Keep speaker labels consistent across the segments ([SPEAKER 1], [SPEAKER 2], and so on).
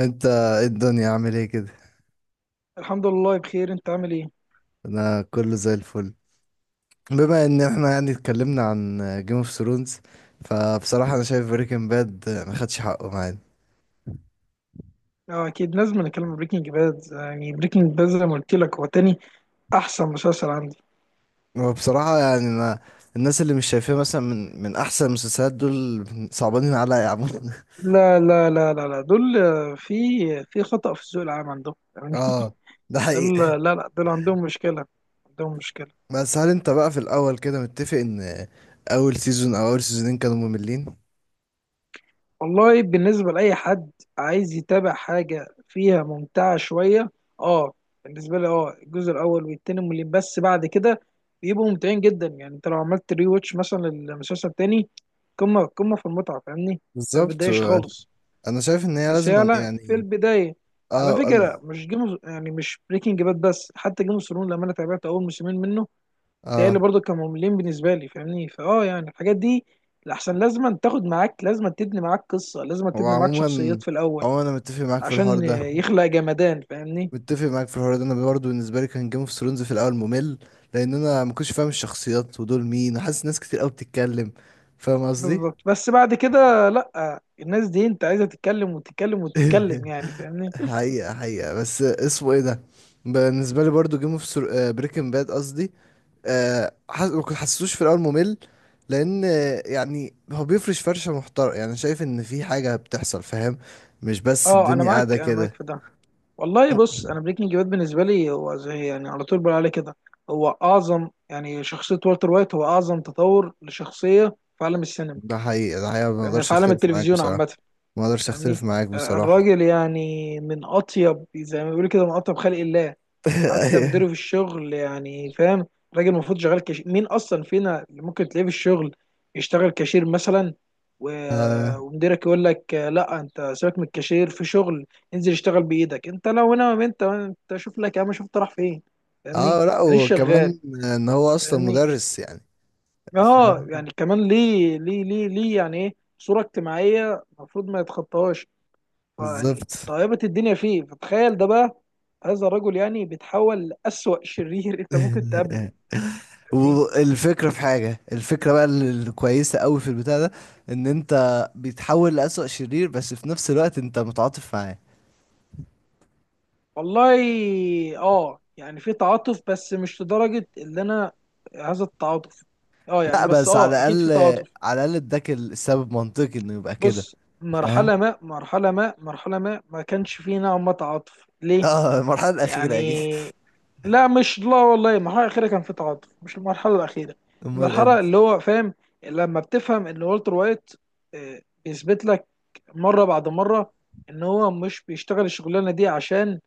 [SPEAKER 1] انت، ايه الدنيا، عامل ايه كده؟
[SPEAKER 2] الحمد لله، بخير. انت عامل ايه؟
[SPEAKER 1] انا كله زي الفل. بما ان احنا يعني اتكلمنا عن جيم اوف ثرونز، فبصراحه انا شايف بريكنج باد ما خدش حقه معانا.
[SPEAKER 2] اه، اكيد لازم نتكلم بريكنج باد. يعني بريكنج باد زي ما قلت لك هو تاني احسن مسلسل عندي.
[SPEAKER 1] هو بصراحه يعني انا، الناس اللي مش شايفاه مثلا من احسن المسلسلات دول، صعبانين عليا يا عم
[SPEAKER 2] لا لا لا لا لا، دول في خطأ في الذوق العام عندهم يعني.
[SPEAKER 1] اه، ده حقيقي.
[SPEAKER 2] دول، لا لا، دول عندهم مشكلة، عندهم مشكلة.
[SPEAKER 1] بس هل انت بقى في الاول كده متفق ان اول سيزون او اول سيزونين كانوا مملين؟
[SPEAKER 2] والله بالنسبة لأي حد عايز يتابع حاجة فيها ممتعة شوية، اه بالنسبة لي الجزء الأول والتاني مملين، بس بعد كده بيبقوا ممتعين جدا. يعني انت لو عملت ري واتش مثلا للمسلسل التاني، قمة قمة في المتعة، فاهمني؟ انت
[SPEAKER 1] بالظبط.
[SPEAKER 2] مبتضايقش خالص.
[SPEAKER 1] انا شايف ان هي
[SPEAKER 2] بس هي،
[SPEAKER 1] لازم
[SPEAKER 2] لا، في
[SPEAKER 1] يعني.
[SPEAKER 2] البداية، على
[SPEAKER 1] اه،
[SPEAKER 2] فكرة مش جيم، يعني مش بريكنج باد، بس حتى جيم اوف ثرونز لما انا تابعت أول موسمين منه، تهيألي
[SPEAKER 1] اه،
[SPEAKER 2] برضو كانوا مملين بالنسبة لي. فاهمني؟ يعني الحاجات دي لأحسن لازم تاخد معاك، لازم تبني معاك قصة، لازم
[SPEAKER 1] هو
[SPEAKER 2] تبني معاك
[SPEAKER 1] عموما،
[SPEAKER 2] شخصيات في الأول
[SPEAKER 1] هو انا متفق معاك في الحوار
[SPEAKER 2] عشان
[SPEAKER 1] ده.
[SPEAKER 2] يخلق جمدان. فاهمني.
[SPEAKER 1] متفق معاك في الحوار ده، انا برضه بالنسبه لي كان جيم اوف ثرونز في الاول ممل، لان انا ما كنتش فاهم الشخصيات ودول مين، وحاسس ناس كتير قوي بتتكلم. فاهم قصدي؟
[SPEAKER 2] بالظبط. بس بعد كده لأ، الناس دي أنت عايزة تتكلم وتتكلم وتتكلم، يعني فاهمني.
[SPEAKER 1] حقيقه، حقيقه. بس اسمه ايه ده، بالنسبه لي برضه بريكنج باد قصدي. آه، حس... ما كنت- حسيتوش في الاول ممل، لان يعني هو بيفرش فرشه محترمه، يعني شايف ان في حاجه بتحصل، فاهم؟ مش بس
[SPEAKER 2] اه، أنا
[SPEAKER 1] الدنيا قاعده
[SPEAKER 2] معاك، أنا معاك
[SPEAKER 1] كده.
[SPEAKER 2] في ده. والله بص، أنا بريكنج باد بالنسبة لي هو زي، يعني على طول بقول عليه كده، هو أعظم يعني شخصية. والتر وايت هو أعظم تطور لشخصية في عالم السينما،
[SPEAKER 1] ده حقيقي، ده حقيقي، ما
[SPEAKER 2] يعني
[SPEAKER 1] اقدرش
[SPEAKER 2] في عالم
[SPEAKER 1] اختلف معاك
[SPEAKER 2] التلفزيون
[SPEAKER 1] بصراحة.
[SPEAKER 2] عامة.
[SPEAKER 1] ما اقدرش
[SPEAKER 2] فاهمني.
[SPEAKER 1] اختلف معاك بصراحة.
[SPEAKER 2] الراجل يعني من اطيب، زي ما بيقولوا كده، من اطيب خلق الله. حتى
[SPEAKER 1] ايوه.
[SPEAKER 2] مديره في الشغل، يعني فاهم، راجل المفروض شغال كاشير. مين اصلا فينا اللي ممكن تلاقيه في الشغل يشتغل كاشير مثلا؟
[SPEAKER 1] اه.
[SPEAKER 2] ومديرك يقول لك لا انت سيبك من الكاشير، في شغل انزل اشتغل بايدك انت. لو هنا، ما انت شوف لك يا عم، شوف انت رايح فين. فاهمني.
[SPEAKER 1] اه، لا،
[SPEAKER 2] مانيش شغال.
[SPEAKER 1] وكمان ان هو اصلا
[SPEAKER 2] فاهمني.
[SPEAKER 1] مدرس يعني.
[SPEAKER 2] اه
[SPEAKER 1] فاهم.
[SPEAKER 2] يعني كمان، ليه ليه ليه ليه؟ يعني ايه؟ صورة اجتماعية المفروض ما يتخطاهاش. فيعني
[SPEAKER 1] بالظبط.
[SPEAKER 2] طيبت الدنيا فيه، فتخيل ده بقى، هذا الرجل يعني بيتحول لأسوأ شرير. انت ممكن تقابله. يعني
[SPEAKER 1] والفكرة، في حاجة، الفكرة بقى الكويسة قوي في البتاع ده، ان انت بيتحول لأسوأ شرير، بس في نفس الوقت انت متعاطف معاه.
[SPEAKER 2] والله، اه يعني في تعاطف، بس مش لدرجة اللي انا، هذا التعاطف، اه يعني
[SPEAKER 1] لا،
[SPEAKER 2] بس،
[SPEAKER 1] بس
[SPEAKER 2] اه
[SPEAKER 1] على
[SPEAKER 2] اكيد
[SPEAKER 1] الاقل،
[SPEAKER 2] في تعاطف.
[SPEAKER 1] على الاقل اداك السبب منطقي انه يبقى كده.
[SPEAKER 2] بص،
[SPEAKER 1] فاهم.
[SPEAKER 2] مرحلة ما ما كانش فيه نوع ما تعاطف ليه؟
[SPEAKER 1] اه، المرحلة الأخيرة اكيد.
[SPEAKER 2] يعني لا مش، لا والله، المرحلة الأخيرة كان في تعاطف، مش المرحلة الأخيرة.
[SPEAKER 1] امال ايه.
[SPEAKER 2] المرحلة اللي هو فاهم، لما بتفهم إن والتر وايت بيثبت لك مرة بعد مرة إن هو مش بيشتغل الشغلانة دي عشان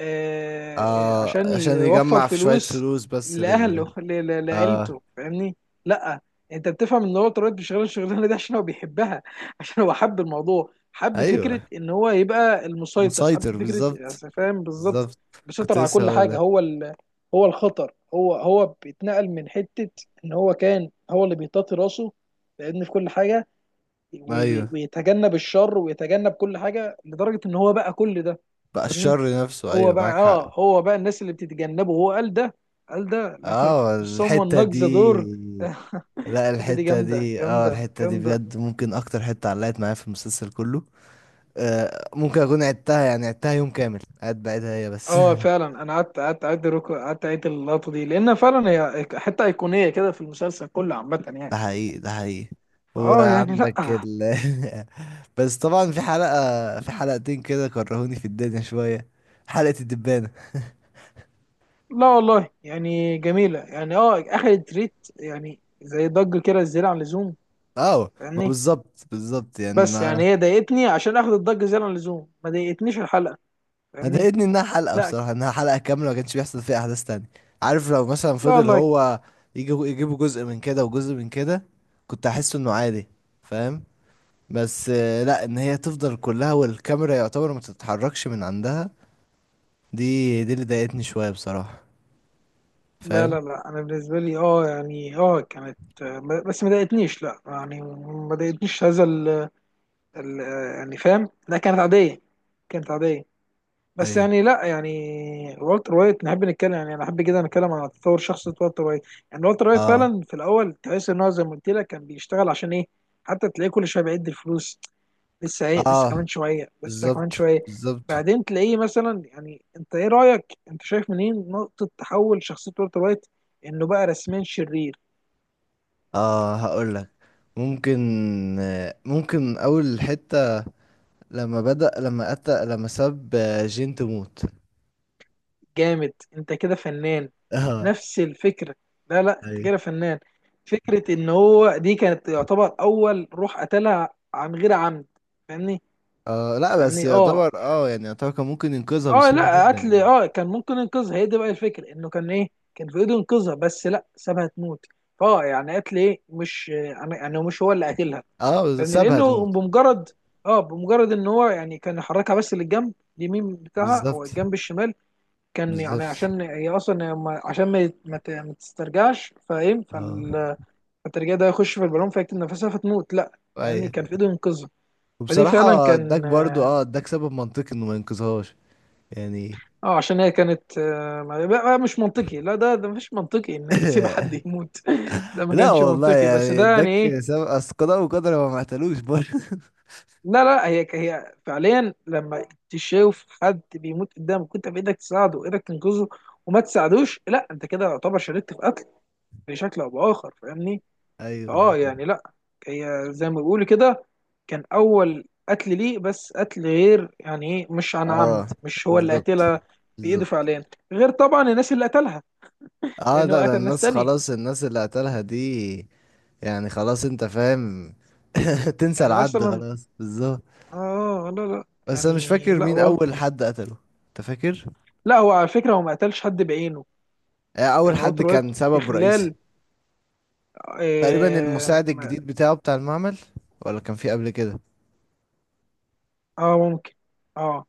[SPEAKER 2] آه، آه،
[SPEAKER 1] اه،
[SPEAKER 2] عشان
[SPEAKER 1] عشان
[SPEAKER 2] يوفر
[SPEAKER 1] يجمع في شوية
[SPEAKER 2] فلوس
[SPEAKER 1] فلوس بس لل.
[SPEAKER 2] لأهله،
[SPEAKER 1] اه.
[SPEAKER 2] لعيلته. فاهمني؟ لأ، أنت بتفهم إن هو اتربط بشغل الشغلانة دي عشان هو بيحبها. عشان هو حب الموضوع، حب
[SPEAKER 1] ايوه،
[SPEAKER 2] فكرة إن هو يبقى المسيطر،
[SPEAKER 1] مسيطر
[SPEAKER 2] حب فكرة.
[SPEAKER 1] بالظبط.
[SPEAKER 2] أصل فاهم بالظبط.
[SPEAKER 1] بالظبط. كنت
[SPEAKER 2] بيسيطر على
[SPEAKER 1] لسه
[SPEAKER 2] كل
[SPEAKER 1] هقول
[SPEAKER 2] حاجة.
[SPEAKER 1] لك.
[SPEAKER 2] هو الخطر، هو بيتنقل من حتة. إن هو كان هو اللي بيطاطي راسه لأن في كل حاجة،
[SPEAKER 1] ايوه،
[SPEAKER 2] ويتجنب الشر ويتجنب كل حاجة، لدرجة إن هو بقى كل ده.
[SPEAKER 1] بقى
[SPEAKER 2] فاهمني؟
[SPEAKER 1] الشر نفسه. ايوه، معاك حق.
[SPEAKER 2] هو بقى الناس اللي بتتجنبه، هو قال ده، قال ده.
[SPEAKER 1] اه،
[SPEAKER 2] someone
[SPEAKER 1] الحتة
[SPEAKER 2] knocks
[SPEAKER 1] دي.
[SPEAKER 2] the door.
[SPEAKER 1] لا،
[SPEAKER 2] الحته دي
[SPEAKER 1] الحتة
[SPEAKER 2] جامده
[SPEAKER 1] دي،
[SPEAKER 2] جامده
[SPEAKER 1] الحتة دي
[SPEAKER 2] جامده.
[SPEAKER 1] بجد ممكن اكتر حتة علقت معايا في المسلسل كله. آه، ممكن اكون عدتها، يعني عدتها يوم كامل قاعد بعيدها هي بس.
[SPEAKER 2] اه فعلا انا قعدت اعيد اللقطه دي، لان فعلا هي حته ايقونيه كده في المسلسل كله عامه يعني.
[SPEAKER 1] ده حقيقي، ده حقيقي.
[SPEAKER 2] اه يعني لا،
[SPEAKER 1] وعندك ال. بس طبعا، في حلقتين كده كرهوني في الدنيا شوية. حلقة الدبانة.
[SPEAKER 2] لا والله، يعني جميله يعني، اه اخدت ريت، يعني زي ضجه كده زياده عن اللزوم.
[SPEAKER 1] اه. ما
[SPEAKER 2] فاهمني.
[SPEAKER 1] بالظبط، بالظبط، يعني
[SPEAKER 2] بس
[SPEAKER 1] انا،
[SPEAKER 2] يعني هي ضايقتني عشان اخد الضجه زياده عن اللزوم، ما ضايقتنيش الحلقه.
[SPEAKER 1] أنا
[SPEAKER 2] فاهمني.
[SPEAKER 1] ضايقتني انها حلقة
[SPEAKER 2] لا
[SPEAKER 1] بصراحة، انها حلقة كاملة ما كانش بيحصل فيها احداث تانية. عارف، لو مثلا
[SPEAKER 2] لا
[SPEAKER 1] فضل
[SPEAKER 2] والله،
[SPEAKER 1] هو يجي يجيبوا جزء من كده وجزء من كده، كنت احس انه عادي. فاهم. بس لا، ان هي تفضل كلها والكاميرا يعتبر ما تتحركش من عندها، دي اللي ضايقتني شوية بصراحة.
[SPEAKER 2] لا
[SPEAKER 1] فاهم.
[SPEAKER 2] لا لا، انا بالنسبه لي اه يعني اه كانت، بس ما ضايقتنيش، لا يعني ما ضايقتنيش هذا ال، يعني فاهم، لا كانت عاديه، كانت عاديه. بس
[SPEAKER 1] ايوه.
[SPEAKER 2] يعني لا، يعني والتر وايت نحب نتكلم، يعني انا احب كده نتكلم عن تطور شخصيه والتر وايت. يعني والتر وايت
[SPEAKER 1] اه،
[SPEAKER 2] فعلا في الاول تحس ان هو زي ما قلت لك كان بيشتغل عشان ايه. حتى تلاقيه كل شويه بيعد الفلوس، لسه ايه، لسه
[SPEAKER 1] اه،
[SPEAKER 2] كمان شويه، لسه كمان
[SPEAKER 1] بالظبط،
[SPEAKER 2] شويه.
[SPEAKER 1] بالظبط.
[SPEAKER 2] بعدين تلاقيه مثلا. يعني انت ايه رايك، انت شايف منين نقطه تحول شخصيه والتر وايت انه بقى رسميا شرير؟
[SPEAKER 1] اه، هقول لك. ممكن ممكن اول حتة لما بدأ لما أتى لما ساب جين تموت.
[SPEAKER 2] جامد! انت كده فنان.
[SPEAKER 1] اه.
[SPEAKER 2] نفس الفكرة. لا لا، انت
[SPEAKER 1] اي.
[SPEAKER 2] كده فنان. فكرة ان هو دي كانت يعتبر اول روح قتلها، عن غير عمد. فاهمني.
[SPEAKER 1] اه، لا بس
[SPEAKER 2] فاهمني اه
[SPEAKER 1] يعتبر، اه
[SPEAKER 2] يعني،
[SPEAKER 1] يعني يعتبر كان ممكن ينقذها
[SPEAKER 2] اه
[SPEAKER 1] بسهولة
[SPEAKER 2] لا
[SPEAKER 1] جدا
[SPEAKER 2] قتل،
[SPEAKER 1] يعني.
[SPEAKER 2] اه كان ممكن ينقذها. هي دي بقى الفكرة، انه كان ايه؟ كان في ايده ينقذها، بس لا سابها تموت. يعني قتل ايه، مش يعني مش هو اللي قتلها.
[SPEAKER 1] اه، بس
[SPEAKER 2] فاهمني.
[SPEAKER 1] سابها
[SPEAKER 2] لانه
[SPEAKER 1] تموت.
[SPEAKER 2] بمجرد، اه بمجرد ان هو يعني كان يحركها بس للجنب، اليمين بتاعها او
[SPEAKER 1] بالظبط،
[SPEAKER 2] الجنب الشمال. كان يعني
[SPEAKER 1] بالظبط.
[SPEAKER 2] عشان هي اصلا ما- عشان ما يت- ما ت- ما تسترجعش، فاهم،
[SPEAKER 1] اه.
[SPEAKER 2] فالترجيع ده يخش في البالون فيكتم نفسها فتموت، لا. يعني
[SPEAKER 1] اي.
[SPEAKER 2] كان في ايده ينقذها. فدي فعلا
[SPEAKER 1] وبصراحة اداك
[SPEAKER 2] كان،
[SPEAKER 1] برضو، اداك سبب منطقي انه ما ينقذهاش يعني.
[SPEAKER 2] عشان هي كانت، بقى مش منطقي. لا، ده مش منطقي انك تسيب حد يموت. ده ما
[SPEAKER 1] لا
[SPEAKER 2] كانش
[SPEAKER 1] والله،
[SPEAKER 2] منطقي، بس
[SPEAKER 1] يعني
[SPEAKER 2] ده يعني
[SPEAKER 1] اداك
[SPEAKER 2] ايه.
[SPEAKER 1] سبب، اصل قضاء وقدر، هو ما قتلوش برضه.
[SPEAKER 2] لا لا، هي فعليا لما تشوف حد بيموت قدامك كنت بايدك تساعده وايدك تنقذه، وما تساعدوش، لا انت كده يعتبر شاركت في قتل بشكل او باخر. فاهمني.
[SPEAKER 1] ايوه.
[SPEAKER 2] اه يعني لا، هي زي ما بيقولوا كده، كان اول قتل ليه، بس قتل غير يعني ايه، مش عن
[SPEAKER 1] اه،
[SPEAKER 2] عمد، مش هو اللي
[SPEAKER 1] بالظبط،
[SPEAKER 2] قتلها بايده
[SPEAKER 1] بالظبط.
[SPEAKER 2] فعليا. غير طبعا الناس اللي قتلها،
[SPEAKER 1] اه، لا،
[SPEAKER 2] لانه
[SPEAKER 1] ده
[SPEAKER 2] قتل ناس
[SPEAKER 1] الناس،
[SPEAKER 2] تانية.
[SPEAKER 1] خلاص الناس اللي قتلها دي يعني، خلاص انت فاهم. تنسى
[SPEAKER 2] يعني
[SPEAKER 1] العد
[SPEAKER 2] مثلا،
[SPEAKER 1] خلاص. بالظبط.
[SPEAKER 2] اه لا لا،
[SPEAKER 1] بس انا مش
[SPEAKER 2] يعني
[SPEAKER 1] فاكر
[SPEAKER 2] لا،
[SPEAKER 1] مين اول حد قتله. انت فاكر؟
[SPEAKER 2] لا هو على فكره هو ما قتلش حد بعينه.
[SPEAKER 1] آه، اول
[SPEAKER 2] يعني
[SPEAKER 1] حد
[SPEAKER 2] والتر وايت
[SPEAKER 1] كان
[SPEAKER 2] في
[SPEAKER 1] سبب رئيسي
[SPEAKER 2] خلال
[SPEAKER 1] تقريبا،
[SPEAKER 2] اه,
[SPEAKER 1] المساعد
[SPEAKER 2] ما-
[SPEAKER 1] الجديد بتاعه، بتاع المعمل. ولا كان في قبل كده
[SPEAKER 2] ممكن، اه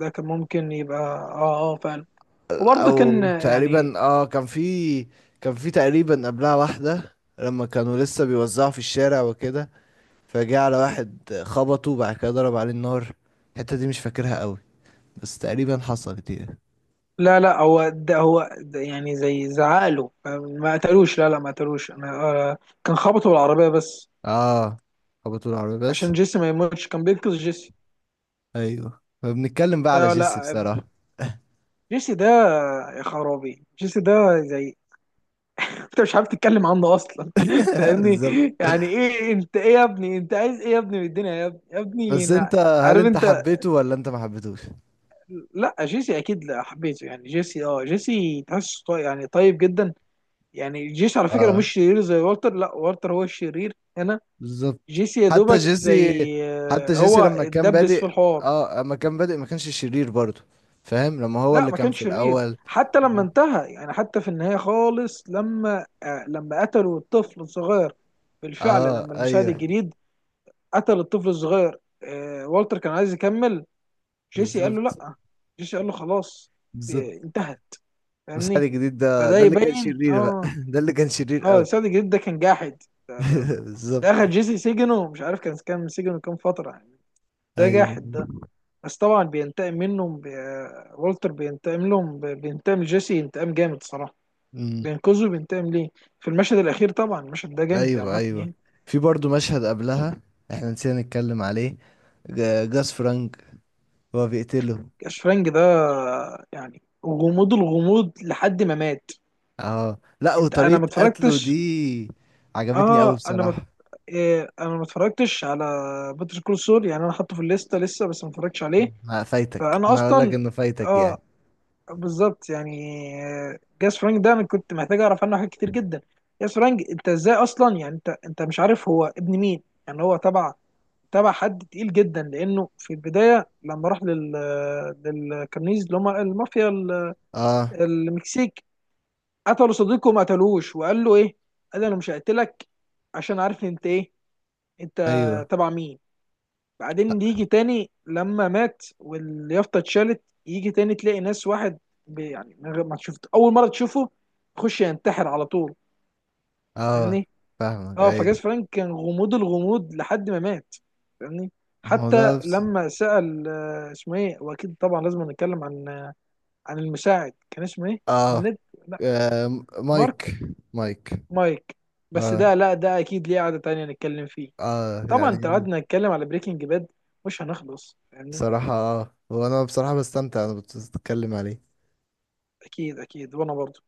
[SPEAKER 2] ده كان ممكن يبقى، فعلا. وبرضه كان
[SPEAKER 1] او
[SPEAKER 2] يعني،
[SPEAKER 1] تقريبا؟ اه، كان في تقريبا قبلها واحدة لما كانوا لسه بيوزعوا في الشارع وكده، فجاء على واحد خبطه، وبعد كده ضرب عليه النار. الحتة دي مش فاكرها قوي، بس تقريبا حصلت دي.
[SPEAKER 2] لا لا، هو ده، هو ده، يعني زي زعقله ما قتلوش، لا لا ما قتلوش. انا كان خبطه بالعربيه بس.
[SPEAKER 1] اه، خبطوا العربية بس.
[SPEAKER 2] عشان جيسي ما يموتش، كان بينقذ جيسي.
[SPEAKER 1] ايوه، فبنتكلم بقى على
[SPEAKER 2] آه
[SPEAKER 1] جيسي
[SPEAKER 2] لا،
[SPEAKER 1] بصراحة.
[SPEAKER 2] جيسي ده، يا خرابي جيسي ده، زي انت مش عارف تتكلم عنه اصلا. فاهمني.
[SPEAKER 1] بالظبط.
[SPEAKER 2] يعني ايه انت، ايه يا ابني، انت عايز ايه يا ابني من الدنيا، يا ابني، يا
[SPEAKER 1] بس
[SPEAKER 2] ابني،
[SPEAKER 1] انت، هل
[SPEAKER 2] عارف
[SPEAKER 1] انت
[SPEAKER 2] انت؟
[SPEAKER 1] حبيته ولا انت ما حبيتوش؟
[SPEAKER 2] لا جيسي اكيد لا حبيته. يعني جيسي تحس يعني طيب جدا. يعني جيسي على فكره
[SPEAKER 1] اه،
[SPEAKER 2] مش شرير زي والتر، لا والتر هو الشرير هنا.
[SPEAKER 1] بالظبط.
[SPEAKER 2] جيسي يا
[SPEAKER 1] حتى
[SPEAKER 2] دوبك،
[SPEAKER 1] جيسي،
[SPEAKER 2] زي
[SPEAKER 1] حتى جيسي
[SPEAKER 2] هو
[SPEAKER 1] لما كان
[SPEAKER 2] اتدبس في
[SPEAKER 1] بادئ،
[SPEAKER 2] الحوار.
[SPEAKER 1] اه لما كان بادئ ما كانش شرير برضه. فاهم لما هو
[SPEAKER 2] لا
[SPEAKER 1] اللي
[SPEAKER 2] ما
[SPEAKER 1] كان
[SPEAKER 2] كانش
[SPEAKER 1] في
[SPEAKER 2] شرير.
[SPEAKER 1] الاول.
[SPEAKER 2] حتى لما انتهى، يعني حتى في النهاية خالص، لما قتلوا الطفل الصغير. بالفعل
[SPEAKER 1] اه.
[SPEAKER 2] لما المساعد
[SPEAKER 1] ايوه.
[SPEAKER 2] الجديد قتل الطفل الصغير، والتر كان عايز يكمل. جيسي قال له
[SPEAKER 1] بالظبط،
[SPEAKER 2] لا. جيسي قال له خلاص،
[SPEAKER 1] بالظبط.
[SPEAKER 2] آه انتهت.
[SPEAKER 1] المساعد
[SPEAKER 2] فاهمني.
[SPEAKER 1] الجديد ده،
[SPEAKER 2] فده
[SPEAKER 1] ده اللي كان
[SPEAKER 2] يبين
[SPEAKER 1] شرير بقى ده اللي كان شرير
[SPEAKER 2] اه
[SPEAKER 1] قوي.
[SPEAKER 2] المساعد الجديد ده كان جاحد. ده ده ده,
[SPEAKER 1] بالظبط.
[SPEAKER 2] ده اخد جيسي سجنه، مش عارف كان سجنه كام فترة يعني. ده
[SPEAKER 1] ايوه.
[SPEAKER 2] جاحد ده. بس طبعا والتر بينتقم لجيسي انتقام جامد صراحة.
[SPEAKER 1] امم.
[SPEAKER 2] بينقذه، بينتقم ليه في المشهد الأخير. طبعا المشهد ده جامد
[SPEAKER 1] ايوه،
[SPEAKER 2] عامة
[SPEAKER 1] ايوه،
[SPEAKER 2] يعني.
[SPEAKER 1] في برضه مشهد قبلها احنا نسينا نتكلم عليه، جاس فرانك هو بيقتله.
[SPEAKER 2] أشفرنج ده يعني غموض الغموض لحد ما مات.
[SPEAKER 1] اه، لا،
[SPEAKER 2] انت انا
[SPEAKER 1] وطريقة
[SPEAKER 2] ما
[SPEAKER 1] قتله دي
[SPEAKER 2] اتفرجتش،
[SPEAKER 1] عجبتني قوي
[SPEAKER 2] اه انا ما
[SPEAKER 1] بصراحة.
[SPEAKER 2] إيه، انا ما اتفرجتش على باتر كول سول. يعني انا حاطه في الليسته لسه، بس ما اتفرجتش عليه.
[SPEAKER 1] لا، فايتك،
[SPEAKER 2] فانا
[SPEAKER 1] انا اقول لك
[SPEAKER 2] اصلا،
[SPEAKER 1] انه فايتك يعني.
[SPEAKER 2] اه بالظبط يعني. جاس فرانك ده انا كنت محتاج اعرف عنه حاجات كتير جدا. جاس فرانك، انت ازاي اصلا؟ يعني انت مش عارف هو ابن مين، يعني هو تبع حد تقيل جدا. لانه في البدايه لما راح لل، اللي هم المافيا
[SPEAKER 1] اه.
[SPEAKER 2] المكسيك، قتلوا صديقه وما قتلوش. وقال له ايه؟ قال له انا مش هقتلك، عشان عارف إن انت ايه، انت
[SPEAKER 1] ايوه.
[SPEAKER 2] تبع مين. بعدين يجي تاني لما مات واليافطه اتشالت، يجي تاني تلاقي ناس، واحد يعني من غير ما شفت، اول مره تشوفه يخش ينتحر على طول.
[SPEAKER 1] اه،
[SPEAKER 2] فاهمني.
[SPEAKER 1] فاهمك.
[SPEAKER 2] اه فجاز
[SPEAKER 1] ايوه،
[SPEAKER 2] فرانك كان غموض الغموض لحد ما مات. فاهمني.
[SPEAKER 1] هو
[SPEAKER 2] حتى
[SPEAKER 1] ده بس.
[SPEAKER 2] لما سأل اسمه ايه. واكيد طبعا لازم نتكلم عن المساعد، كان اسمه ايه؟ كان
[SPEAKER 1] اه،
[SPEAKER 2] ند، لا، مارك،
[SPEAKER 1] مايك. مايك.
[SPEAKER 2] مايك. بس
[SPEAKER 1] اه،
[SPEAKER 2] ده، لا ده اكيد ليه قعدة تانية نتكلم فيه.
[SPEAKER 1] اه،
[SPEAKER 2] طبعا انت
[SPEAKER 1] يعني
[SPEAKER 2] قعدنا نتكلم على بريكنج باد، مش هنخلص فاهمني.
[SPEAKER 1] بصراحة اه، هو انا بصراحة بستمتع انا بتتكلم عليه.
[SPEAKER 2] اكيد اكيد، وانا برضه.